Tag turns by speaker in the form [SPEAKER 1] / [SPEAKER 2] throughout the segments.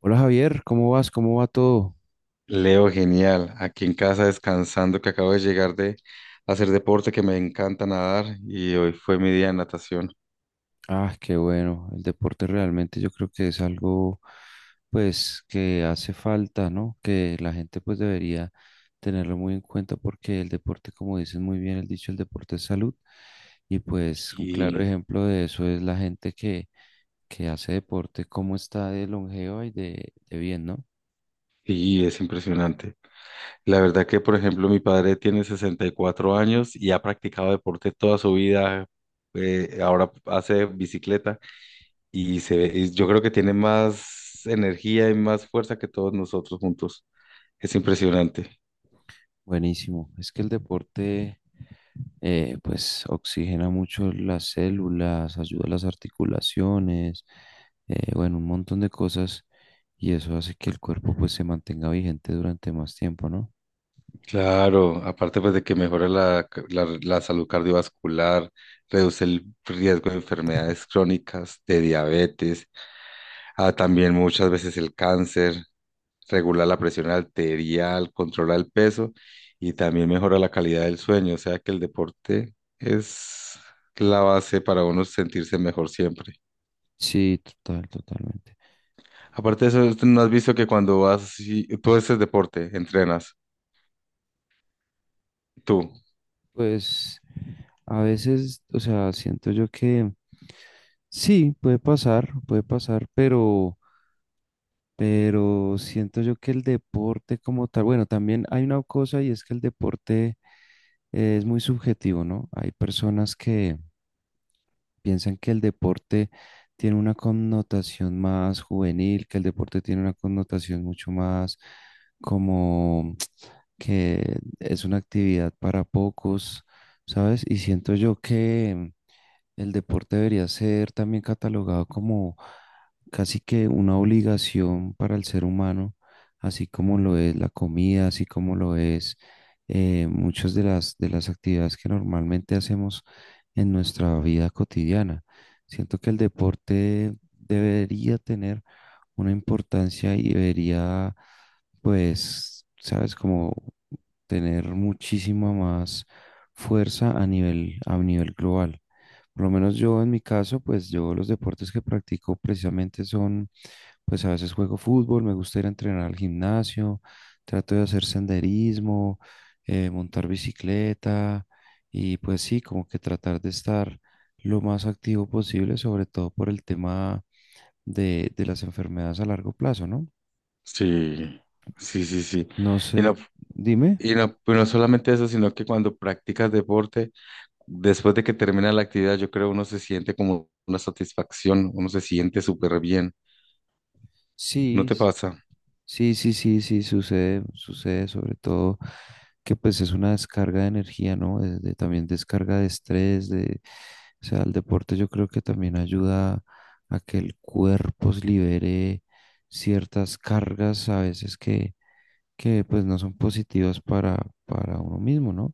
[SPEAKER 1] Hola Javier, ¿cómo vas? ¿Cómo va todo?
[SPEAKER 2] Leo, genial. Aquí en casa descansando, que acabo de llegar de hacer deporte, que me encanta nadar y hoy fue mi día de natación.
[SPEAKER 1] Ah, qué bueno. El deporte realmente yo creo que es algo, pues, que hace falta, ¿no? Que la gente, pues, debería tenerlo muy en cuenta porque el deporte, como dicen muy bien el dicho, el deporte es salud. Y pues un claro
[SPEAKER 2] Y,
[SPEAKER 1] ejemplo de eso es la gente que hace deporte, cómo está de longeva y de bien, ¿no?
[SPEAKER 2] y es impresionante. La verdad que, por ejemplo, mi padre tiene 64 años y ha practicado deporte toda su vida. Ahora hace bicicleta y se ve, y yo creo que tiene más energía y más fuerza que todos nosotros juntos. Es impresionante.
[SPEAKER 1] Buenísimo. Es que el deporte, pues, oxigena mucho las células, ayuda a las articulaciones, bueno, un montón de cosas y eso hace que el cuerpo, pues, se mantenga vigente durante más tiempo, ¿no?
[SPEAKER 2] Claro, aparte pues de que mejora la salud cardiovascular, reduce el riesgo de enfermedades crónicas, de diabetes, también muchas veces el cáncer, regula la presión arterial, controla el peso y también mejora la calidad del sueño. O sea que el deporte es la base para uno sentirse mejor siempre.
[SPEAKER 1] Sí, total, totalmente.
[SPEAKER 2] Aparte de eso, ¿no has visto que cuando vas y tú haces deporte, entrenas, tú?
[SPEAKER 1] Pues, a veces, o sea, siento yo que sí, puede pasar, pero siento yo que el deporte como tal, bueno, también hay una cosa, y es que el deporte es muy subjetivo, ¿no? Hay personas que piensan que el deporte tiene una connotación más juvenil, que el deporte tiene una connotación mucho más como que es una actividad para pocos, ¿sabes? Y siento yo que el deporte debería ser también catalogado como casi que una obligación para el ser humano, así como lo es la comida, así como lo es, muchas de de las actividades que normalmente hacemos en nuestra vida cotidiana. Siento que el deporte debería tener una importancia y debería, pues, sabes, como tener muchísima más fuerza a a nivel global. Por lo menos yo en mi caso, pues yo los deportes que practico precisamente son, pues a veces juego fútbol, me gusta ir a entrenar al gimnasio, trato de hacer senderismo, montar bicicleta y pues sí, como que tratar de estar lo más activo posible, sobre todo por el tema de las enfermedades a largo plazo, ¿no?
[SPEAKER 2] Sí, sí, sí, sí.
[SPEAKER 1] No
[SPEAKER 2] Y
[SPEAKER 1] sé,
[SPEAKER 2] no
[SPEAKER 1] dime.
[SPEAKER 2] Y no, pero no solamente eso, sino que cuando practicas deporte, después de que termina la actividad, yo creo uno se siente como una satisfacción, uno se siente súper bien, ¿no
[SPEAKER 1] Sí,
[SPEAKER 2] te pasa?
[SPEAKER 1] sí, sí, sí, sí, sucede, sucede sobre todo que pues es una descarga de energía, ¿no? También descarga de estrés, de, o sea, el deporte yo creo que también ayuda a que el cuerpo se libere ciertas cargas a que pues no son positivas para uno mismo, ¿no?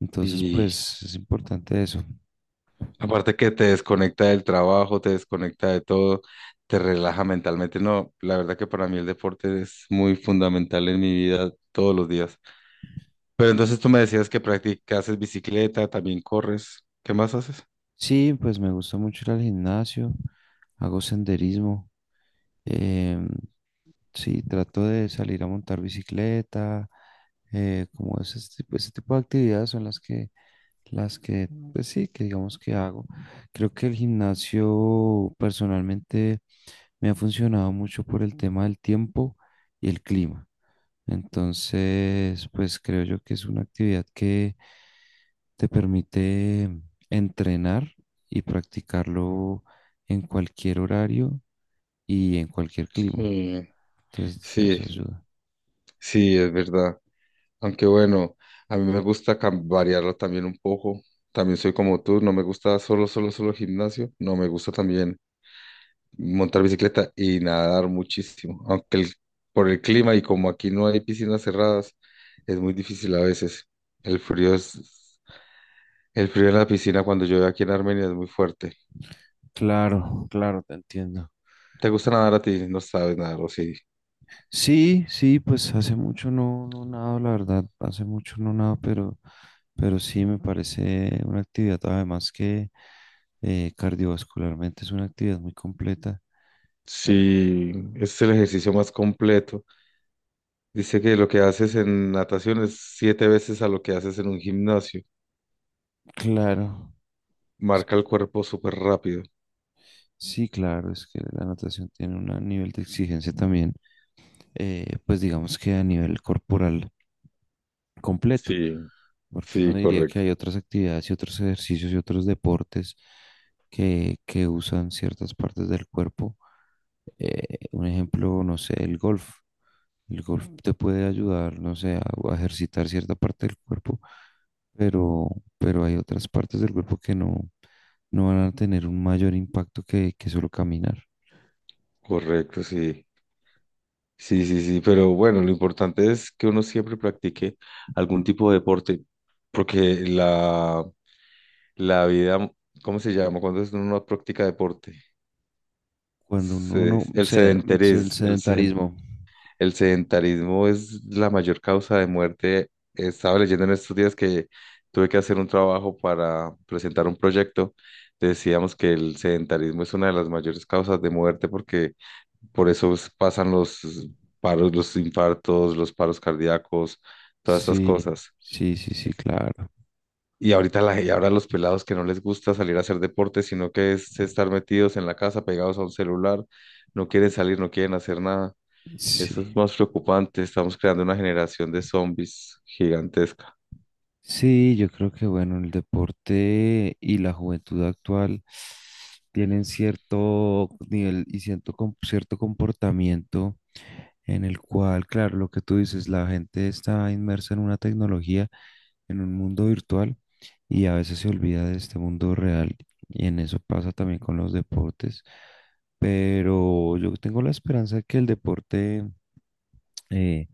[SPEAKER 1] Entonces
[SPEAKER 2] Y
[SPEAKER 1] pues es importante eso.
[SPEAKER 2] aparte que te desconecta del trabajo, te desconecta de todo, te relaja mentalmente. No, la verdad que para mí el deporte es muy fundamental en mi vida todos los días. Pero entonces tú me decías que practicas bicicleta, también corres, ¿qué más haces?
[SPEAKER 1] Sí, pues me gusta mucho ir al gimnasio, hago senderismo. Em, sí, trato de salir a montar bicicleta, como ese tipo de actividades son las que, pues sí, que digamos que hago. Creo que el gimnasio personalmente me ha funcionado mucho por el tema del tiempo y el clima. Entonces, pues creo yo que es una actividad que te permite entrenar y practicarlo en cualquier horario y en cualquier clima.
[SPEAKER 2] Sí,
[SPEAKER 1] Entonces, eso
[SPEAKER 2] sí,
[SPEAKER 1] ayuda.
[SPEAKER 2] sí, es verdad. Aunque bueno, a mí me gusta variarlo también un poco. También soy como tú, no me gusta solo, solo, solo gimnasio. No me gusta también montar bicicleta y nadar muchísimo. Por el clima y como aquí no hay piscinas cerradas, es muy difícil a veces. El frío es, el frío en la piscina cuando llueve aquí en Armenia es muy fuerte.
[SPEAKER 1] Claro, claro, te entiendo.
[SPEAKER 2] ¿Te gusta nadar a ti? No sabes nadar, o sí.
[SPEAKER 1] Sí, sí, pues hace mucho no nado, la verdad, hace mucho no nado, pero sí me parece una actividad, además que cardiovascularmente es una actividad muy completa. Eh,
[SPEAKER 2] Sí, ese es el ejercicio más completo. Dice que lo que haces en natación es siete veces a lo que haces en un gimnasio.
[SPEAKER 1] claro,
[SPEAKER 2] Marca el cuerpo súper rápido.
[SPEAKER 1] sí, claro, es que la natación tiene un nivel de exigencia también, pues digamos que a nivel corporal completo,
[SPEAKER 2] Sí,
[SPEAKER 1] porque uno
[SPEAKER 2] sí,
[SPEAKER 1] diría que
[SPEAKER 2] correcto,
[SPEAKER 1] hay otras actividades y otros ejercicios y otros deportes que usan ciertas partes del cuerpo. Un ejemplo, no sé, el golf. El golf ujú te puede ayudar, no sé, a ejercitar cierta parte del cuerpo, pero, pero hay otras partes del cuerpo que no, no van a tener un mayor impacto que solo caminar.
[SPEAKER 2] correcto, sí. Sí, sí, sí, pero bueno, lo importante es que uno siempre practique algún tipo de deporte, porque la vida, ¿cómo se llama? Uno no practica deporte,
[SPEAKER 1] Cuando uno
[SPEAKER 2] El
[SPEAKER 1] se, el
[SPEAKER 2] sedentarismo, el...
[SPEAKER 1] sedentarismo.
[SPEAKER 2] El sedentarismo es la mayor causa de muerte. Estaba leyendo en estos días que tuve que hacer un trabajo para presentar un proyecto. Decíamos que el sedentarismo es una de las mayores causas de muerte porque pasan los paros, los infartos, los paros cardíacos, todas estas
[SPEAKER 1] Sí,
[SPEAKER 2] cosas.
[SPEAKER 1] sí, sí, sí, claro.
[SPEAKER 2] Y ahora los pelados que no les gusta salir a hacer deporte, sino que es estar metidos en la casa, pegados a un celular, no quieren salir, no quieren hacer nada.
[SPEAKER 1] Sí.
[SPEAKER 2] Eso es más preocupante. Estamos creando una generación de zombies gigantesca.
[SPEAKER 1] Sí, yo creo que bueno, el deporte y la juventud actual tienen cierto nivel y cierto, cierto comportamiento en el cual, claro, lo que tú dices, la gente está inmersa en una tecnología, en un mundo virtual y a veces se olvida de este mundo real y en eso pasa también con los deportes. Pero yo tengo la esperanza de que el deporte, eh,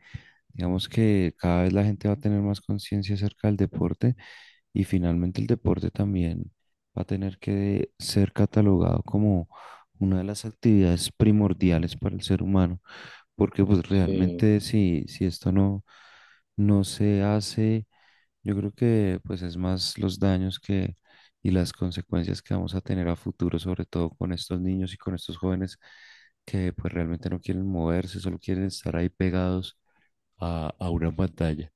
[SPEAKER 1] digamos que cada vez la gente va a tener más conciencia acerca del deporte y finalmente el deporte también va a tener que ser catalogado como una de las actividades primordiales para el ser humano, porque pues
[SPEAKER 2] Sí,
[SPEAKER 1] realmente si esto no se hace, yo creo que pues es más los daños que y las consecuencias que vamos a tener a futuro, sobre todo con estos niños y con estos jóvenes que pues realmente no quieren moverse, solo quieren estar ahí pegados a una pantalla.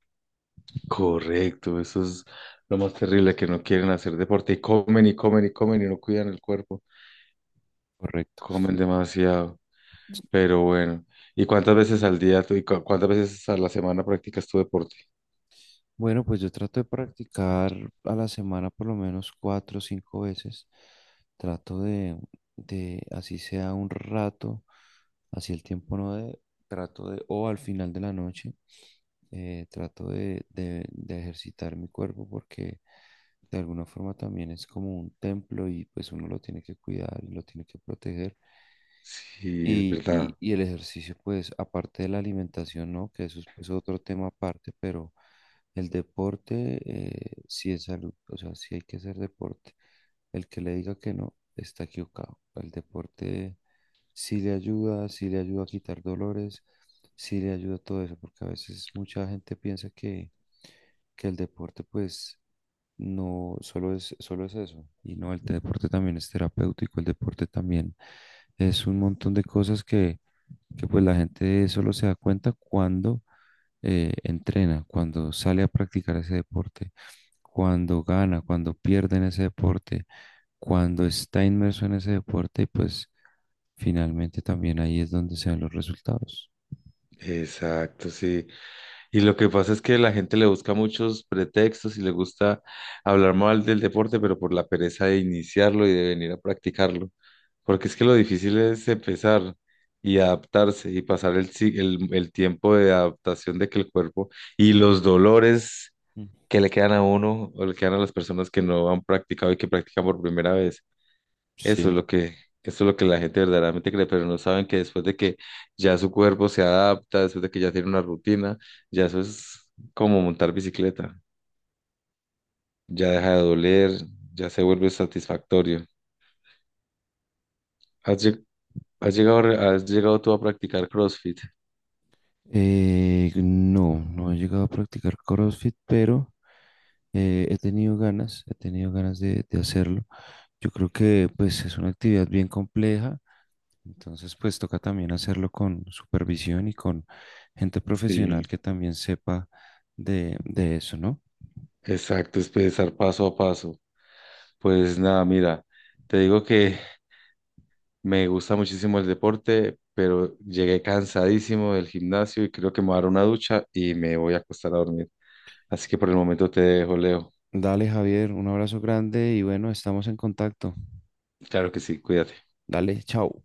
[SPEAKER 2] correcto. Eso es lo más terrible, que no quieren hacer deporte y comen y comen y comen y no cuidan el cuerpo.
[SPEAKER 1] Correcto.
[SPEAKER 2] Comen demasiado. Pero bueno, ¿y cuántas veces al día tú- y cu- cuántas veces a la semana practicas tu deporte?
[SPEAKER 1] Bueno, pues yo trato de practicar a la semana por lo menos cuatro o cinco veces. Trato de, así sea un rato, así el tiempo no de, trato de, o al final de la noche, trato de ejercitar mi cuerpo porque de alguna forma también es como un templo y pues uno lo tiene que cuidar y lo tiene que proteger.
[SPEAKER 2] Sí, es verdad.
[SPEAKER 1] Y el ejercicio, pues, aparte de la alimentación, ¿no? Que eso es, pues, otro tema aparte, pero el deporte, sí es salud, o sea, sí hay que hacer deporte. El que le diga que no, está equivocado. El deporte sí le ayuda a quitar dolores, sí le ayuda a todo eso, porque a veces mucha gente piensa que el deporte, pues, no, solo es eso. Y no, el deporte también es terapéutico, el deporte también es un montón de cosas que pues la gente solo se da cuenta cuando entrena, cuando sale a practicar ese deporte, cuando gana, cuando pierde en ese deporte, cuando está inmerso en ese deporte y pues finalmente también ahí es donde se ven los resultados.
[SPEAKER 2] Exacto, sí. Y lo que pasa es que la gente le busca muchos pretextos y le gusta hablar mal del deporte, pero por la pereza de iniciarlo y de venir a practicarlo. Porque es que lo difícil es empezar y adaptarse y pasar el, si- el tiempo de adaptación de que el cuerpo y los dolores
[SPEAKER 1] Mm.
[SPEAKER 2] que le quedan a uno o le quedan a las personas que no han practicado y que practican por primera vez. Eso es
[SPEAKER 1] Sí.
[SPEAKER 2] lo que, eso es lo que la gente verdaderamente cree, pero no saben que después de que ya su cuerpo se adapta, después de que ya tiene una rutina, ya eso es como montar bicicleta, ya deja de doler, ya se vuelve satisfactorio. ¿Has, lleg- has llegado, has llegado tú a practicar CrossFit?
[SPEAKER 1] No, no he llegado a practicar CrossFit, pero he tenido ganas de hacerlo. Yo creo que pues es una actividad bien compleja, entonces pues toca también hacerlo con supervisión y con gente
[SPEAKER 2] Sí,
[SPEAKER 1] profesional que también sepa de eso, ¿no?
[SPEAKER 2] exacto, es pensar paso a paso. Pues nada, mira, te digo que me gusta muchísimo el deporte, pero llegué cansadísimo del gimnasio y creo que me voy a dar una ducha y me voy a acostar a dormir. Así que por el momento te dejo, Leo.
[SPEAKER 1] Dale, Javier, un abrazo grande y bueno, estamos en contacto.
[SPEAKER 2] Claro que sí, cuídate.
[SPEAKER 1] Dale, chao.